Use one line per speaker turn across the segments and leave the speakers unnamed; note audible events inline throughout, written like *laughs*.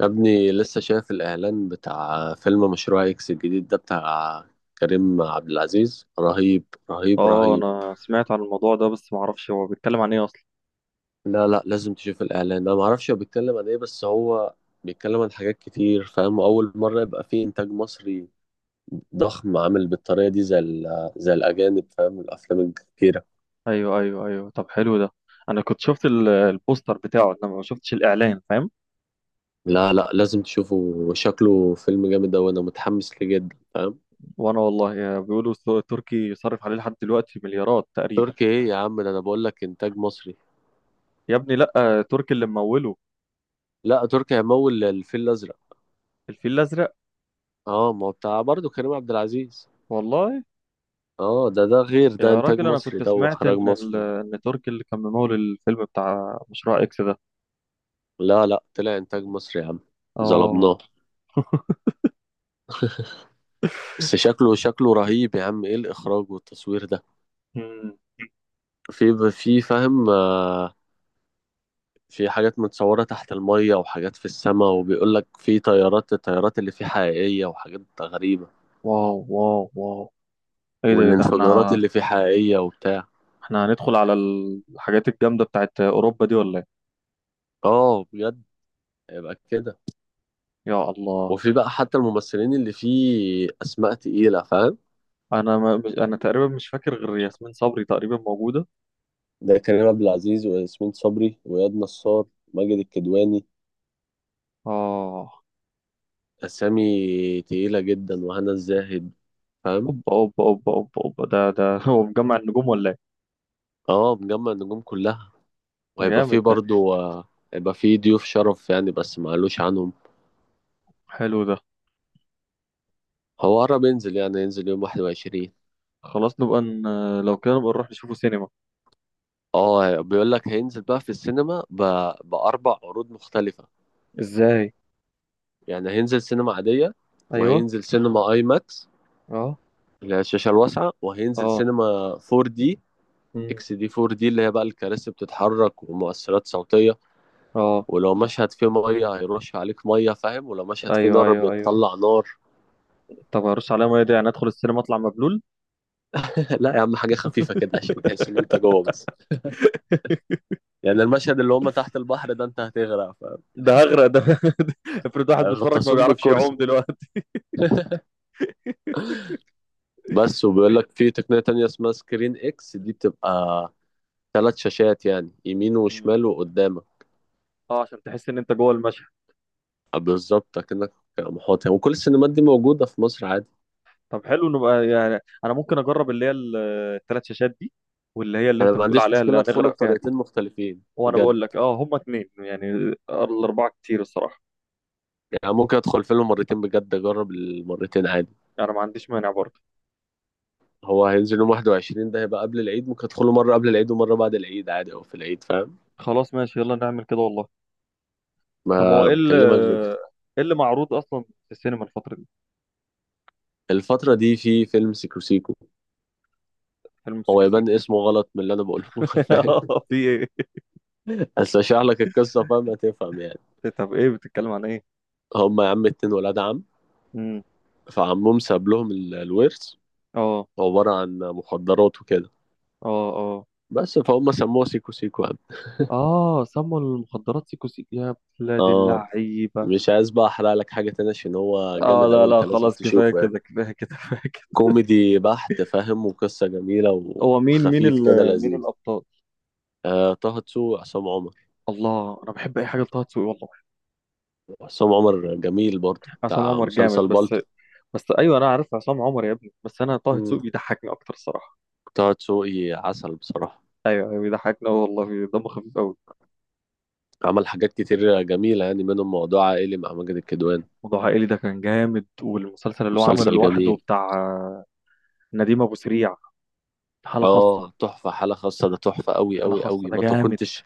يا ابني لسه شايف الإعلان بتاع فيلم مشروع إكس الجديد ده، بتاع كريم عبد العزيز. رهيب، رهيب
اه
رهيب.
انا سمعت عن الموضوع ده، بس ما اعرفش هو بيتكلم عن ايه اصلا.
لا لا، لازم تشوف الإعلان، أنا معرفش هو بيتكلم عن إيه، بس هو بيتكلم عن حاجات كتير، فاهم؟ أول مرة يبقى فيه إنتاج مصري ضخم عامل بالطريقة دي، زي الأجانب، فاهم الأفلام الكتيرة.
ايوه، طب حلو ده. انا كنت شفت البوستر بتاعه، انما ما شفتش الاعلان، فاهم.
لا لا، لازم تشوفه، وشكله فيلم جامد أوي، أنا متحمس ليه جدا، فاهم.
وانا والله بيقولوا السوق التركي يصرف عليه لحد دلوقتي مليارات تقريبا.
تركي إيه يا عم؟ ده أنا بقول لك إنتاج مصري.
يا ابني لا، تركي اللي مموله.
لا، تركي هيمول الفيل الأزرق.
الفيل الازرق.
اه، ما هو بتاع برضه كريم عبد العزيز.
والله.
اه، ده غير، ده
يا
انتاج
راجل انا
مصري،
كنت
ده
سمعت
واخراج
ان
مصري.
ان تركي اللي كان ممول الفيلم بتاع مشروع اكس ده.
لا لا، طلع انتاج مصري يا عم.
اه.
ظلمناه. بس شكله، شكله رهيب يا عم، ايه الاخراج والتصوير ده؟
مم.
في فاهم آه، في حاجات متصورة تحت المية، وحاجات في السماء، وبيقول لك في طيارات، الطيارات اللي فيه حقيقية، وحاجات غريبة،
واو واو واو. ايه ده، إيه ده، احنا
والانفجارات اللي فيه حقيقية وبتاع.
احنا هندخل على الحاجات الجامدة بتاعت اوروبا دي ولا؟
اه بجد، يبقى كده.
يا الله.
وفي بقى حتى الممثلين اللي فيه اسماء تقيلة، فاهم.
انا ما مش انا تقريبا مش فاكر غير ياسمين صبري تقريبا موجوده.
ده كريم عبد العزيز وياسمين صبري وإياد نصار ماجد الكدواني،
اه.
أسامي تقيلة جدا، وهنا الزاهد، فاهم.
اوبا اوبا اوبا اوبا اوبا، ده ده *laughs* هو مجمع النجوم ولا ايه؟
اه، مجمع النجوم كلها. وهيبقى فيه
جامد ده.
برضو آه، هيبقى فيه ضيوف شرف يعني، بس معلوش عنهم.
حلو ده.
هو قرب ينزل، يعني ينزل يوم 21.
خلاص لو كده نبقى نروح نشوفه سينما.
اه، بيقول لك هينزل بقى في السينما بأربع عروض مختلفة.
ازاي؟
يعني هينزل سينما عادية،
ايوه.
وهينزل سينما اي ماكس
اه.
اللي هي الشاشة الواسعة، وهينزل
اه.
سينما 4 دي،
امم.
اكس دي، 4 دي اللي هي بقى الكراسي بتتحرك ومؤثرات صوتيه،
اه.
ولو مشهد فيه ميه هيرش عليك ميه، فاهم، ولو مشهد فيه
ايوه
نار
ايوه ايوه،
بيطلع نار.
طب هرش عليا ميه دي، يعني ادخل السينما اطلع مبلول؟
*laughs* *applause* لا يا عم، حاجه خفيفه كده عشان تحس ان انت جوه بس، يعني المشهد اللي هم تحت البحر ده انت هتغرق،
ده هغرق ده. *laughs* افرض واحد بيتفرج ما
فغطسوك
بيعرفش
بالكرسي
يعوم دلوقتي.
بس.
*laughs*
وبيقول لك في تقنيه تانية اسمها سكرين اكس دي، بتبقى ثلاث شاشات، يعني يمين
مم.
وشمال وقدامك.
اه، عشان تحس ان انت جوه المشهد.
آه، بالظبط، كأنك محاط يعني. وكل السينمات دي موجوده في مصر عادي.
طب حلو، نبقى يعني انا ممكن اجرب اللي هي الثلاث شاشات دي، واللي هي اللي
انا
انت
ما
بتقول
عنديش
عليها اللي
مشكله ادخله
هنغرق فيها
بطريقتين
دي.
مختلفين
وانا
بجد،
بقول لك اه، هما اتنين يعني، الاربعه كتير الصراحه.
يعني ممكن ادخل فيلم مرتين بجد، اجرب المرتين عادي.
انا ما عنديش مانع برضه.
هو هينزل يوم 21 ده، هيبقى قبل العيد، ممكن ادخله مره قبل العيد ومره بعد العيد عادي، او في العيد، فاهم.
خلاص ماشي، يلا نعمل كده والله. طب هو
ما بكلمك بجد.
ايه اللي معروض اصلا في السينما الفتره دي؟
الفتره دي في فيلم سيكو سيكو.
فيلم
هو
سيكو
يبان
سيكو.
اسمه غلط من اللي انا بقوله لك، فاهم.
*laughs* في ايه؟
*laughs* بس اشرح لك القصه، فاهم هتفهم يعني.
طب ايه، بتتكلم عن ايه؟
هما يا عم اتنين ولاد عم،
امم.
فعمهم ساب لهم الورث،
اه.
عباره عن مخدرات وكده،
اه. اه.
بس فهم سموه سيكو سيكو يعني.
اه سموا المخدرات سيكو سيكو، يا بلاد
اه،
اللعيبه.
مش عايز بقى احرق لك حاجه تانية، عشان هو
اه
جامد
لا
اوي،
لا،
انت لازم
خلاص كفايه
تشوفه يعني.
كده كفايه كده. *laughs*
كوميدي بحت، فاهم، وقصة جميلة
هو مين
وخفيف كده،
مين
لذيذ.
الابطال؟
آه، طه دسوقي، عصام عمر.
الله، انا بحب اي حاجه لطه دسوقي والله.
عصام عمر جميل برضه،
عصام
بتاع
عمر جامد
مسلسل
بس.
بالطو.
بس ايوه انا عارف عصام عمر يا ابني، بس انا طه
مم.
دسوقي بيضحكني اكتر الصراحه.
طه دسوقي عسل بصراحة.
ايوه أيوة، بيضحكني أوي والله، دمه خفيف قوي.
عمل حاجات كتير جميلة، يعني منهم موضوع عائلي مع ماجد الكدواني،
موضوع عائلي ده كان جامد، والمسلسل اللي هو عمله
مسلسل
لوحده
جميل.
بتاع نديم ابو سريع، حاله خاصه.
اه، تحفة، حالة خاصة ده تحفة أوي
حاله
أوي
خاصه
أوي،
ده
ما
جامد.
كنتش،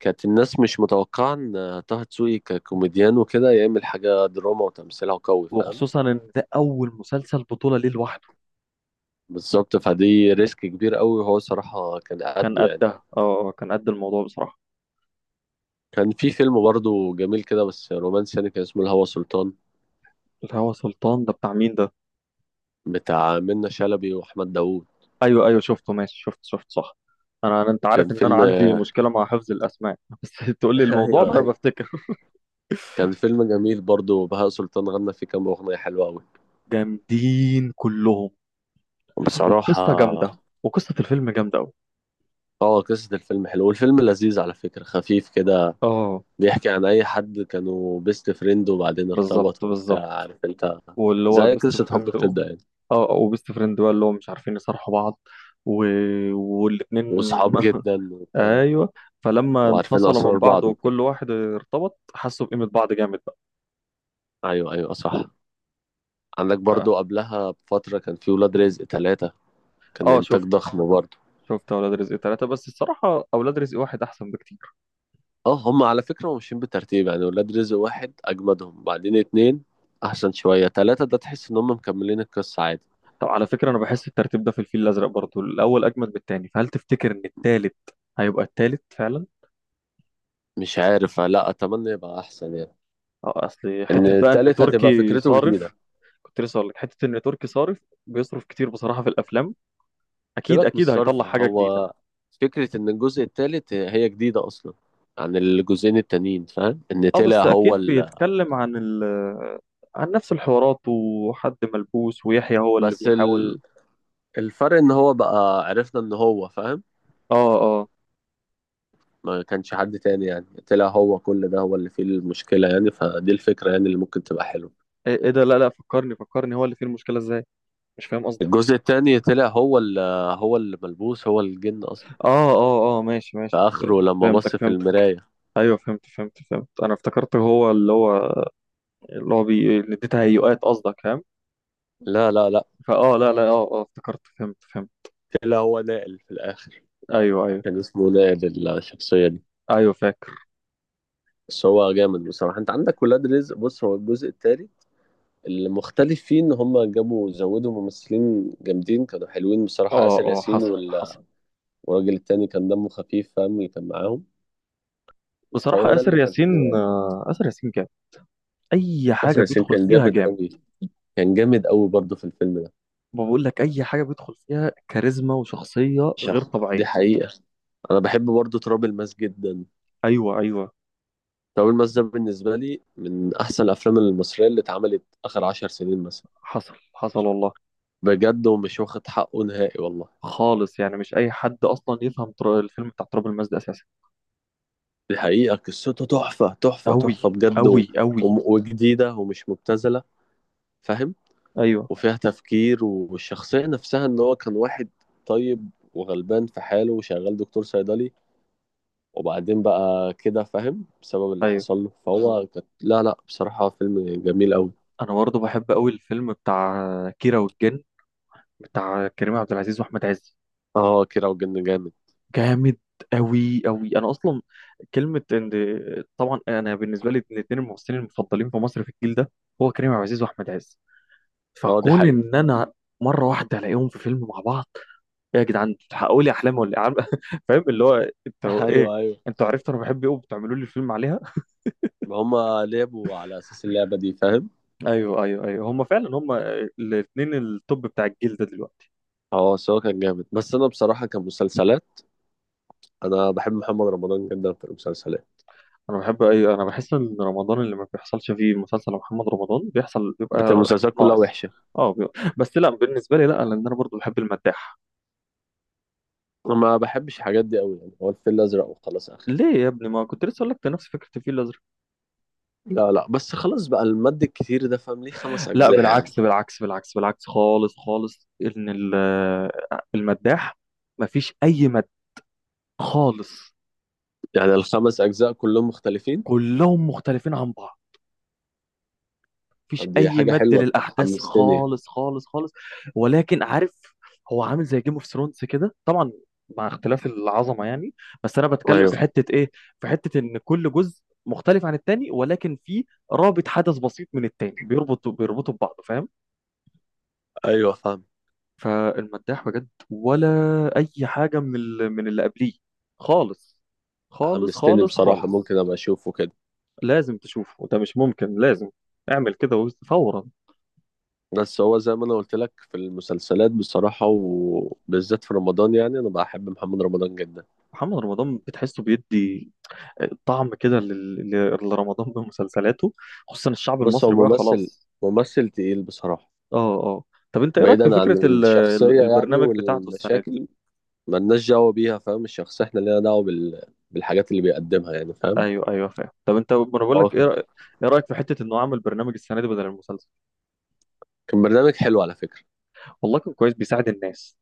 كانت الناس مش متوقعة إن طه دسوقي ككوميديان وكده يعمل حاجة دراما، وتمثيلها قوي، فاهم.
وخصوصا ان ده اول مسلسل بطوله ليه لوحده.
بالظبط، فدي ريسك كبير أوي، وهو صراحة كان
كان
قده يعني.
قدها، اه كان قد الموضوع بصراحه.
كان في فيلم برضه جميل كده بس رومانسي يعني، كان اسمه الهوى سلطان،
الهوى سلطان ده بتاع مين ده؟
بتاع منة شلبي واحمد داوود.
ايوه ايوه شفته، ماشي، شفت شفت صح. انت عارف
كان
ان انا
فيلم
عندي مشكله مع حفظ الاسماء. *laughs* بس تقول لي
*laughs*
الموضوع
ايوه
بقى
ايوه،
بفتكر.
كان فيلم جميل برضه، بهاء سلطان غنى فيه كام اغنيه حلوه قوي
جامدين كلهم.
بصراحه.
والقصه جامده، وقصه الفيلم جامده قوي.
اه، قصه الفيلم حلوه، والفيلم لذيذ على فكره، خفيف كده،
اه،
بيحكي عن اي حد كانوا بيست فريند وبعدين
بالظبط
ارتبطوا
بالظبط،
وبتاع، عارف انت،
واللي هو
زي
بيست
قصه حب
فريند.
بتبدا يعني،
اه، وبيست فريند بقى اللي هو مش عارفين يصارحوا بعض، و... والاتنين.
وصحاب
*laughs*
جدا وبتاع،
ايوه. فلما
وعارفين
انفصلوا من
اسرار
بعض
بعض وكده.
وكل واحد ارتبط، حسوا بقيمه بعض جامد بقى.
ايوه ايوه صح. عندك برضو
ف-
قبلها بفتره كان في ولاد رزق ثلاثه، كان
اه
انتاج
شفته.
ضخم برضه.
شفت اولاد رزق ثلاثة، بس الصراحه اولاد رزق واحد احسن بكتير.
اه، هم على فكره ماشيين بترتيب، يعني ولاد رزق واحد اجمدهم، بعدين اتنين احسن شويه، تلاته ده تحس ان هم مكملين القصه عادي.
طب على فكرة، أنا بحس الترتيب ده في الفيل الأزرق برضه، الأول أجمد من التاني، فهل تفتكر إن التالت هيبقى التالت فعلا؟
مش عارف، لا اتمنى يبقى احسن يعني،
أه، أصل
ان
حتة بقى إن
التالت هتبقى
تركي
فكرته
صارف.
جديده.
كنت لسه أقول لك، حتة إن تركي صارف، بيصرف كتير بصراحة في الأفلام، أكيد
سيبك من
أكيد هيطلع
الصرف،
حاجة جديدة.
هو فكره ان الجزء التالت هي جديده اصلا عن الجزئين التانيين، فاهم، ان
أه
طلع
بس
هو
أكيد بيتكلم عن ال، عن نفس الحوارات وحد ملبوس ويحيى هو اللي
بس ال...
بيحاول.
الفرق ان هو بقى عرفنا ان هو، فاهم،
أه. أه.
ما كانش حد تاني، يعني طلع هو كل ده، هو اللي فيه المشكلة يعني، فدي الفكرة يعني اللي ممكن تبقى حلوة.
إيه إيه ده، لا لا، فكرني فكرني، هو اللي فيه المشكلة إزاي؟ مش فاهم قصدك.
الجزء التاني طلع هو اللي، هو اللي ملبوس، هو الجن أصلا،
أه. أه أه، ماشي
في
ماشي.
آخره لما بص
فهمتك
في
فهمتك.
المراية.
ايوه فهمت انا افتكرت هو اللي هو اللي دي تهيؤات قصدك فاهم.
لا لا لا،
لا لا، اه اه، افتكرت، فهمت فهمت.
طلع هو نائل في الآخر،
ايوه ايوه
كان اسمه نائل الشخصية دي.
ايوه، فاكر.
بس هو جامد بصراحة. أنت عندك ولاد رزق، بص، هو الجزء التاني المختلف فيه إن هما جابوا، زودوا ممثلين جامدين كانوا حلوين بصراحة،
اه
آسر
اه
ياسين
حصل حصل.
والراجل التاني كان دمه خفيف، فاهم، اللي كان معاهم، فهو
بصراحة
ده
آسر
اللي كان
ياسين،
حلو يعني.
آسر ياسين جامد. أي
باسم
حاجة
ياسين
بيدخل
كان
فيها
جامد
جامد.
قوي، كان جامد قوي برضه في الفيلم ده،
ما بقول لك، أي حاجة بيدخل فيها كاريزما وشخصية غير
شخص
طبيعية.
دي حقيقة. أنا بحب برضه تراب الماس جدا.
أيوه أيوه.
تراب الماس ده بالنسبة لي من أحسن الأفلام المصرية اللي اتعملت آخر عشر سنين مثلا،
حصل حصل والله.
بجد، ومش واخد حقه نهائي والله.
خالص يعني، مش أي حد أصلا يفهم الفيلم بتاع تراب الماس ده أساسا.
دي حقيقة، قصته تحفة تحفة تحفة
أوي
بجد
أوي أوي.
وجديدة ومش مبتذلة، فاهم،
أيوه
وفيها تفكير، والشخصية نفسها إن هو كان واحد طيب وغلبان في حاله وشغال دكتور صيدلي، وبعدين بقى كده فاهم بسبب اللي
أيوه.
حصل له، فهو كانت، لا لا بصراحة فيلم جميل أوي.
انا برضه بحب قوي الفيلم بتاع كيرة والجن، بتاع كريم عبد العزيز واحمد عز.
اه، كيرة والجن جامد.
جامد قوي قوي. انا اصلا كلمه ان، طبعا انا بالنسبه لي من اتنين الممثلين المفضلين في مصر في الجيل ده، هو كريم عبد العزيز واحمد عز،
اه، دي
فكون
حقيقة.
ان انا مره واحده الاقيهم في فيلم مع بعض، ايه يا جدعان انتوا بتحققوا لي احلامي ولا إيه؟ *laughs* فاهم اللي هو
*laughs*
انتوا ايه،
ايوه ايوه،
انتوا عرفتوا انا بحب ايه وبتعملوا لي الفيلم عليها. *laughs*
ما هما لعبوا على اساس اللعبة دي، فاهم.
ايوه ايوه ايوه، هم فعلا هم الاثنين التوب بتاع الجيل ده دلوقتي.
اه، سواء كان جامد، بس انا بصراحة كمسلسلات انا بحب محمد رمضان جدا في المسلسلات،
انا بحب اي، انا بحس ان رمضان اللي ما بيحصلش فيه مسلسل محمد رمضان بيحصل
بس
بيبقى
المسلسلات كلها
ناقص.
وحشة.
اه بيبقى. بس لا، بالنسبه لي لا، لان انا برضو بحب المداح.
أنا ما بحبش الحاجات دي أوي يعني، هو الفيل الأزرق وخلاص، آخر.
ليه يا ابني، ما كنت لسه اقول لك ده نفس فكره الفيل الازرق.
لا لا، بس خلاص بقى المد الكتير ده، فاهم، ليه خمس
لا
أجزاء يعني؟
بالعكس بالعكس بالعكس بالعكس خالص خالص، ان المداح ما فيش اي مد خالص.
يعني الخمس أجزاء كلهم مختلفين.
كلهم مختلفين عن بعض، مفيش
طب دي
اي
حاجة
مد
حلوة،
للاحداث
حمستني.
خالص خالص خالص. ولكن عارف، هو عامل زي جيم اوف ثرونز كده طبعا، مع اختلاف العظمه يعني. بس انا بتكلم في
ايوه
حته ايه، في حته ان كل جزء مختلف عن التاني، ولكن في رابط حدث بسيط من التاني بيربطوا ببعض فاهم.
ايوه فاهم.
فالمداح بجد ولا اي حاجه من من اللي قبليه خالص خالص
حمستني
خالص
بصراحة،
خالص.
ممكن ابقى اشوفه كده.
لازم تشوفه، ده مش ممكن، لازم اعمل كده فورا.
بس هو زي ما انا قلت لك في المسلسلات بصراحة، وبالذات في رمضان يعني، انا بحب محمد رمضان جدا.
محمد رمضان بتحسه بيدي طعم كده لرمضان بمسلسلاته، خصوصا الشعب
بص، هو
المصري بقى
ممثل،
خلاص.
ممثل تقيل بصراحة.
اه. اه. طب انت ايه رايك في
بعيدا عن
فكره
الشخصية يعني
البرنامج بتاعته السنه دي؟
والمشاكل، ملناش دعوة بيها فاهم، الشخصية احنا لينا دعوة بالحاجات اللي بيقدمها يعني، فاهم.
ايوه ايوه فاهم. طب انت، ما انا بقول
هو
لك، ايه رايك في حته انه عمل برنامج السنه دي بدل المسلسل؟
كان برنامج حلو على فكرة،
والله كان كويس بيساعد الناس.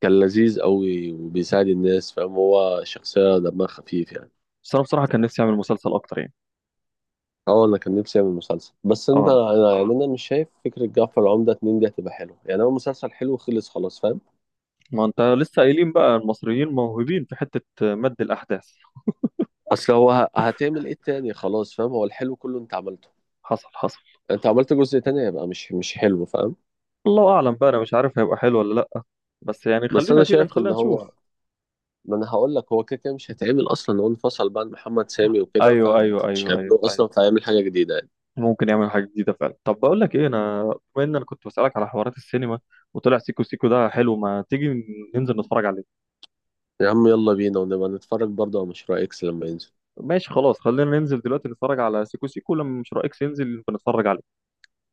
كان لذيذ قوي وبيساعد الناس، فاهم، هو شخصية دمها خفيف يعني.
بس انا بصراحه كان نفسي اعمل مسلسل اكتر يعني.
اه انا كان نفسي اعمل مسلسل، بس انت
اه
انا يعني انا مش شايف فكره جعفر عمده اتنين دي هتبقى حلوه، يعني هو مسلسل حلو خلص خلاص، فاهم.
ما انت لسه قايلين بقى المصريين موهوبين في حته مد الاحداث.
اصل هو هتعمل ايه تاني خلاص، فاهم، هو الحلو كله انت عملته،
حصل حصل.
انت عملت جزء تاني هيبقى مش حلو، فاهم.
الله اعلم بقى، انا مش عارف هيبقى حلو ولا لا، بس يعني
بس
خلينا
انا
دينا،
شايف
خلينا
ان هو،
نشوف.
ما انا هقول لك، هو كده كده مش هيتعمل اصلا، هو انفصل بقى عن محمد سامي وكده،
ايوه
فاهم،
ايوه
مش
ايوه ايوه.
هيعملوه
أيوه.
اصلا، فهيعمل حاجه جديده يعني.
ممكن يعمل حاجة جديدة فعلا. طب بقول لك ايه، انا بما ان انا كنت بسألك على حوارات السينما وطلع سيكو سيكو ده حلو، ما تيجي ننزل نتفرج عليه؟
يا عم يلا بينا، ونبقى نتفرج برضه على مشروع اكس لما ينزل.
ماشي خلاص، خلينا ننزل دلوقتي نتفرج على سيكو سيكو، لما مش رأيك ننزل بنتفرج عليه.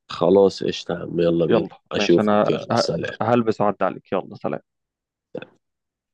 خلاص قشطه يا عم، يلا
يلا
بينا،
ماشي،
اشوفك،
انا
يلا سلام.
هلبس وأعدي عليك، يلا سلام.